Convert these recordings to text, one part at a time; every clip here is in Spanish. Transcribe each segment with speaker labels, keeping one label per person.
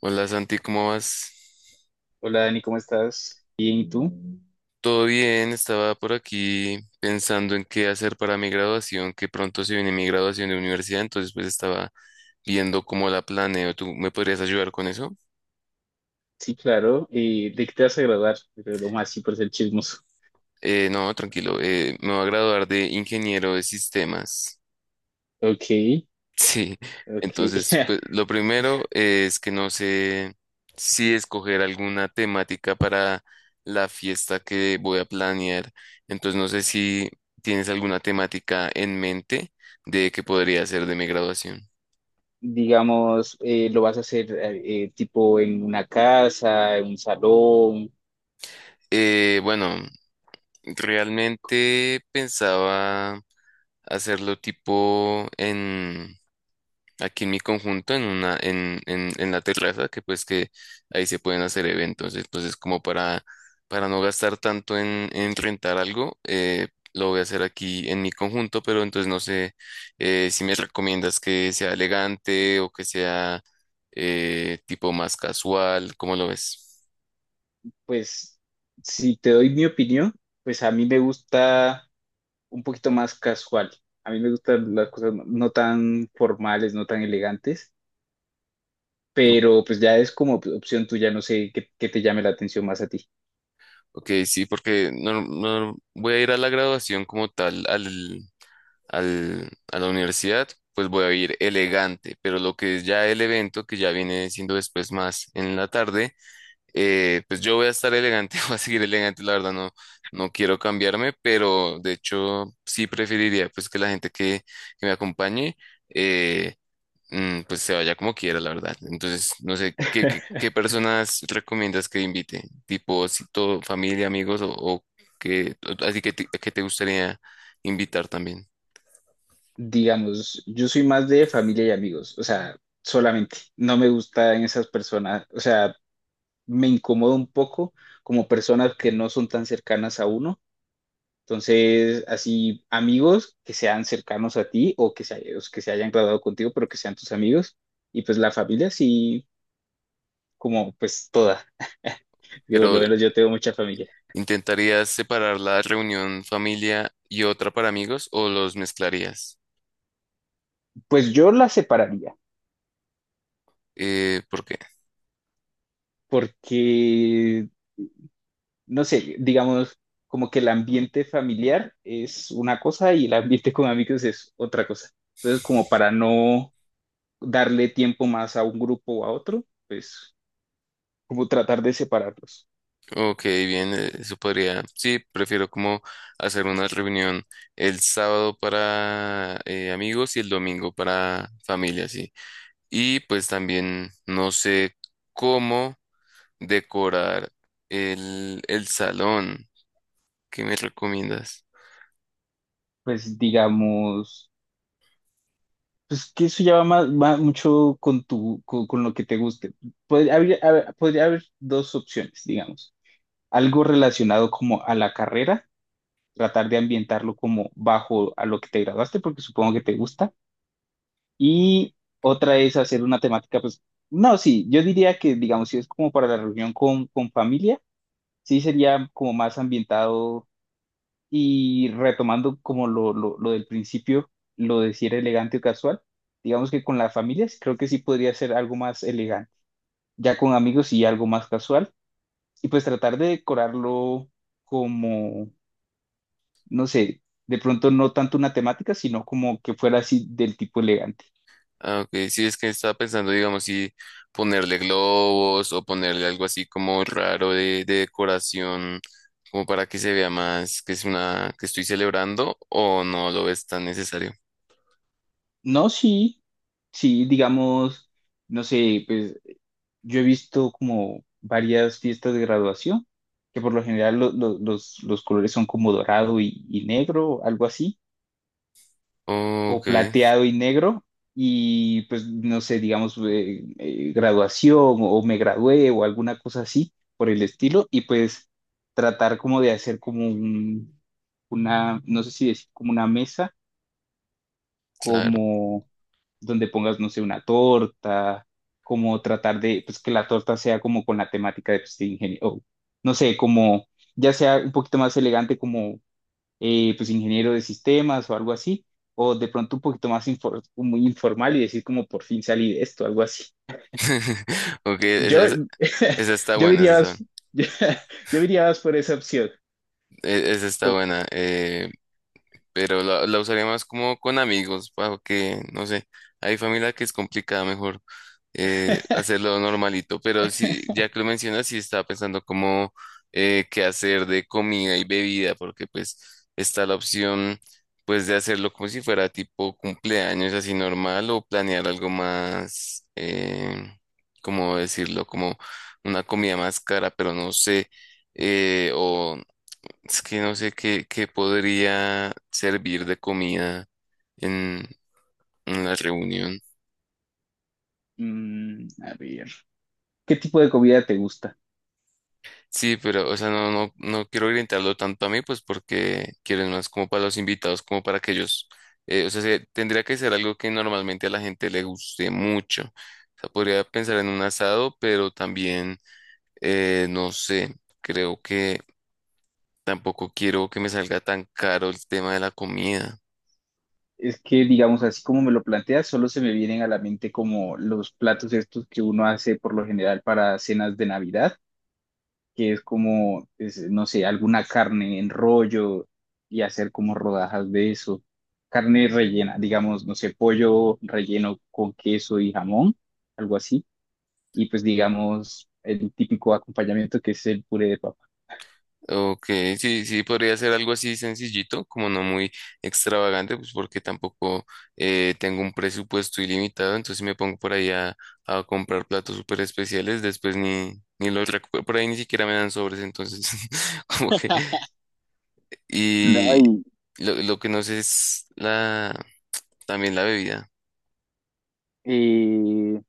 Speaker 1: Hola Santi, ¿cómo vas?
Speaker 2: Hola Dani, ¿cómo estás? Bien, ¿y tú?
Speaker 1: Todo bien, estaba por aquí pensando en qué hacer para mi graduación, que pronto se viene mi graduación de universidad, entonces pues estaba viendo cómo la planeo. ¿Tú me podrías ayudar con eso?
Speaker 2: Sí, claro. ¿De qué te vas a graduar? Pero lo más sí por ser chismoso.
Speaker 1: No, tranquilo, me voy a graduar de ingeniero de sistemas.
Speaker 2: Ok,
Speaker 1: Sí,
Speaker 2: ok.
Speaker 1: entonces, pues, lo primero es que no sé si escoger alguna temática para la fiesta que voy a planear. Entonces, no sé si tienes alguna temática en mente de que podría ser de mi graduación.
Speaker 2: Digamos, lo vas a hacer tipo en una casa, en un salón.
Speaker 1: Bueno, realmente pensaba hacerlo tipo en aquí en mi conjunto, en una, en la terraza, que pues que ahí se pueden hacer eventos. Entonces, para no gastar tanto en rentar algo, lo voy a hacer aquí en mi conjunto, pero entonces no sé si me recomiendas que sea elegante o que sea tipo más casual, ¿cómo lo ves?
Speaker 2: Pues, si te doy mi opinión, pues a mí me gusta un poquito más casual. A mí me gustan las cosas no tan formales, no tan elegantes, pero pues ya es como opción tuya, no sé qué, qué te llame la atención más a ti.
Speaker 1: Ok, sí, porque no, no voy a ir a la graduación como tal, a la universidad, pues voy a ir elegante, pero lo que es ya el evento, que ya viene siendo después más en la tarde, pues yo voy a estar elegante, voy a seguir elegante, la verdad no, no quiero cambiarme, pero de hecho sí preferiría pues que la gente que me acompañe eh, pues se vaya como quiera, la verdad. Entonces, no sé, qué personas recomiendas que invite? Tipo, si todo, familia, amigos, o que, así que te gustaría invitar también.
Speaker 2: Digamos, yo soy más de familia y amigos, o sea, solamente, no me gustan esas personas, o sea, me incomoda un poco como personas que no son tan cercanas a uno, entonces, así, amigos que sean cercanos a ti o que se hayan graduado contigo, pero que sean tus amigos, y pues la familia sí, como pues toda, que por lo
Speaker 1: Pero,
Speaker 2: menos yo tengo mucha familia,
Speaker 1: ¿intentarías separar la reunión familia y otra para amigos o los mezclarías?
Speaker 2: pues yo la separaría,
Speaker 1: ¿Por qué?
Speaker 2: porque... no sé, digamos, como que el ambiente familiar es una cosa y el ambiente con amigos es otra cosa. Entonces, como para no darle tiempo más a un grupo o a otro, pues como tratar de separarlos.
Speaker 1: Ok, bien, eso podría. Sí, prefiero como hacer una reunión el sábado para amigos y el domingo para familia, sí. Y pues también no sé cómo decorar el salón. ¿Qué me recomiendas?
Speaker 2: Pues digamos, pues que eso ya va, más, va mucho con tu, con lo que te guste. Podría podría haber dos opciones, digamos. Algo relacionado como a la carrera, tratar de ambientarlo como bajo a lo que te graduaste, porque supongo que te gusta. Y otra es hacer una temática, pues, no, sí, yo diría que, digamos, si es como para la reunión con familia, sí sería como más ambientado y retomando como lo del principio, lo de si era elegante o casual, digamos que con las familias creo que sí podría ser algo más elegante, ya con amigos sí algo más casual, y pues tratar de decorarlo como, no sé, de pronto no tanto una temática, sino como que fuera así del tipo elegante.
Speaker 1: Ah, ok. Sí, es que estaba pensando, digamos, si ponerle globos o ponerle algo así como raro de decoración, como para que se vea más que es una que estoy celebrando o no lo ves tan necesario.
Speaker 2: No, sí, sí, digamos, no sé, pues yo he visto como varias fiestas de graduación, que por lo general los colores son como dorado y negro, algo así, o
Speaker 1: Ok,
Speaker 2: plateado y negro, y pues no sé, digamos, graduación o me gradué o alguna cosa así por el estilo, y pues tratar como de hacer como un, una, no sé si decir como una mesa
Speaker 1: claro.
Speaker 2: como donde pongas, no sé, una torta, como tratar de, pues que la torta sea como con la temática de, pues, de ingeniero, o, no sé, como ya sea un poquito más elegante como, pues, ingeniero de sistemas o algo así, o de pronto un poquito más muy informal y decir como por fin salí de esto, algo así.
Speaker 1: Ok,
Speaker 2: Yo,
Speaker 1: esa está
Speaker 2: yo
Speaker 1: buena, esa
Speaker 2: diría,
Speaker 1: está,
Speaker 2: más- yo, diría más por esa opción.
Speaker 1: esa está
Speaker 2: Como-
Speaker 1: buena. Pero la usaría más como con amigos, para que, no sé, hay familia que es complicada, mejor hacerlo normalito, pero sí, ya que lo mencionas, sí estaba pensando como qué hacer de comida y bebida, porque pues está la opción pues de hacerlo como si fuera tipo cumpleaños así normal o planear algo más, ¿cómo decirlo? Como una comida más cara, pero no sé, o es que no sé qué podría servir de comida en, en la reunión.
Speaker 2: Mm, a ver, ¿qué tipo de comida te gusta?
Speaker 1: Sí, pero, o sea, no quiero orientarlo tanto a mí, pues porque quiero más como para los invitados, como para que ellos, o sea, se- tendría que ser algo que normalmente a la gente le guste mucho. O sea, podría pensar en un asado, pero también, no sé, creo que tampoco quiero que me salga tan caro el tema de la comida.
Speaker 2: Es que, digamos, así como me lo planteas, solo se me vienen a la mente como los platos estos que uno hace por lo general para cenas de Navidad, que es como, es, no sé, alguna carne en rollo y hacer como rodajas de eso. Carne rellena, digamos, no sé, pollo relleno con queso y jamón, algo así. Y pues, digamos, el típico acompañamiento que es el puré de papa.
Speaker 1: Ok, sí, sí, podría ser algo así sencillito, como no muy extravagante, pues porque tampoco tengo un presupuesto ilimitado, entonces si me pongo por ahí a comprar platos súper especiales, después ni, ni los recupero, por ahí ni siquiera me dan sobres, entonces como que... Y
Speaker 2: Ay,
Speaker 1: lo que no sé es también la bebida.
Speaker 2: eh,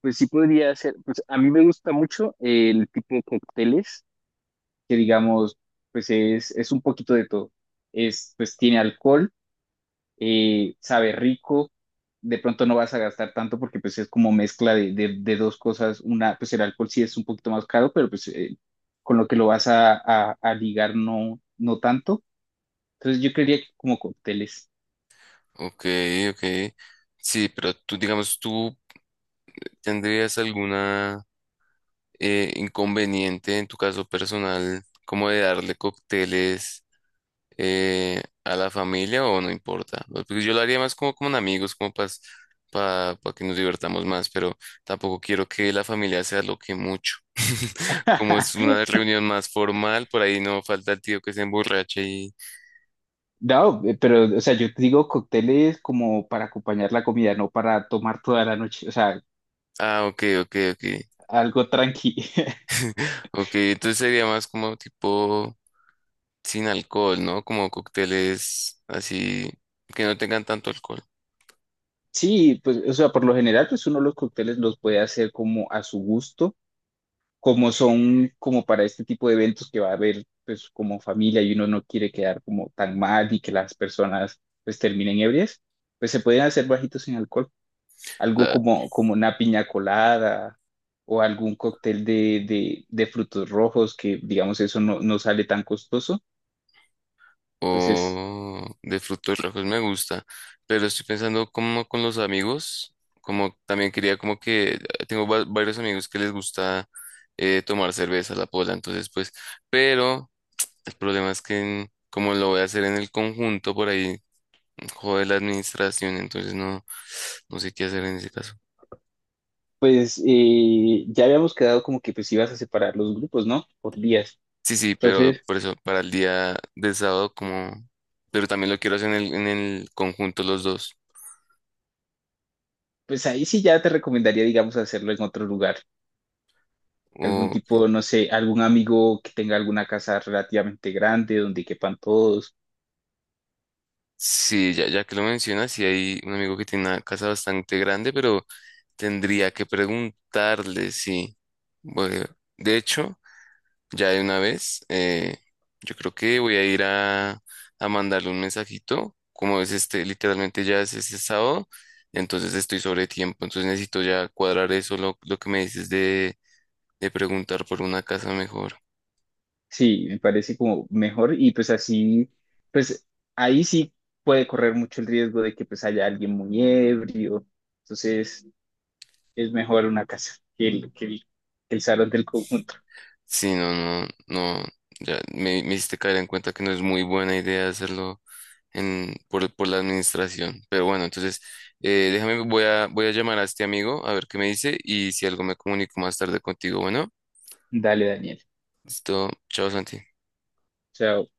Speaker 2: pues sí podría ser, pues a mí me gusta mucho el tipo de cócteles que digamos, pues es un poquito de todo. Es, pues tiene alcohol, sabe rico, de pronto no vas a gastar tanto porque pues es como mezcla de, de dos cosas. Una, pues el alcohol sí es un poquito más caro, pero pues con lo que lo vas a, a ligar no, no tanto. Entonces yo creería que como cócteles.
Speaker 1: Ok, ok, sí, pero tú digamos, tú tendrías alguna... inconveniente en tu caso personal, como de darle cócteles a la familia o ¿no importa? ¿No? Pues, porque yo lo haría más como con amigos, como para que nos divertamos más, pero tampoco quiero que la familia se aloque mucho. Como es una reunión más formal, por ahí no falta el tío que se emborrache y...
Speaker 2: No, pero, o sea, yo te digo cócteles como para acompañar la comida, no para tomar toda la noche, o sea,
Speaker 1: Ah, ok, ok, ok.
Speaker 2: algo tranqui.
Speaker 1: Ok, entonces sería más como tipo sin alcohol, ¿no? Como cócteles así que no tengan tanto alcohol.
Speaker 2: Sí, pues, o sea, por lo general, pues uno los cócteles los puede hacer como a su gusto, como son como para este tipo de eventos que va a haber, pues, como familia y uno no quiere quedar como tan mal y que las personas, pues, terminen ebrias, pues se pueden hacer bajitos en alcohol, algo
Speaker 1: La-
Speaker 2: como, como una piña colada o algún cóctel de frutos rojos que, digamos, eso no, no sale tan costoso. Entonces,
Speaker 1: o de frutos rojos me gusta, pero estoy pensando como con los amigos, como también quería como que tengo va- varios amigos que les gusta tomar cerveza, la pola, entonces pues, pero el problema es que en- como lo voy a hacer en el conjunto por ahí, jode la administración, entonces no, no sé qué hacer en ese caso.
Speaker 2: pues, ya habíamos quedado como que, pues, ibas a separar los grupos, ¿no? Por días.
Speaker 1: Sí, sí, pero
Speaker 2: Entonces,
Speaker 1: por eso para el día del sábado como, pero también lo quiero hacer en el conjunto los dos.
Speaker 2: pues ahí sí ya te recomendaría, digamos, hacerlo en otro lugar. Algún
Speaker 1: O
Speaker 2: tipo, no sé, algún amigo que tenga alguna casa relativamente grande donde quepan todos.
Speaker 1: sí, ya, ya que lo mencionas, sí hay un amigo que tiene una casa bastante grande, pero tendría que preguntarle si... Bueno, de hecho, ya de una vez, yo creo que voy a ir a mandarle un mensajito, como es este, literalmente ya es este sábado, entonces estoy sobre tiempo, entonces necesito ya cuadrar eso, lo que me dices de preguntar por una casa mejor.
Speaker 2: Sí, me parece como mejor y pues así, pues ahí sí puede correr mucho el riesgo de que pues haya alguien muy ebrio. Entonces es mejor una casa que el salón del conjunto.
Speaker 1: Sí, no, ya me hiciste caer en cuenta que no es muy buena idea hacerlo en, por la administración. Pero bueno, entonces, déjame, voy a llamar a este amigo a ver qué me dice y si algo me comunico más tarde contigo. Bueno,
Speaker 2: Dale, Daniel.
Speaker 1: listo. Chao, Santi.
Speaker 2: Chao.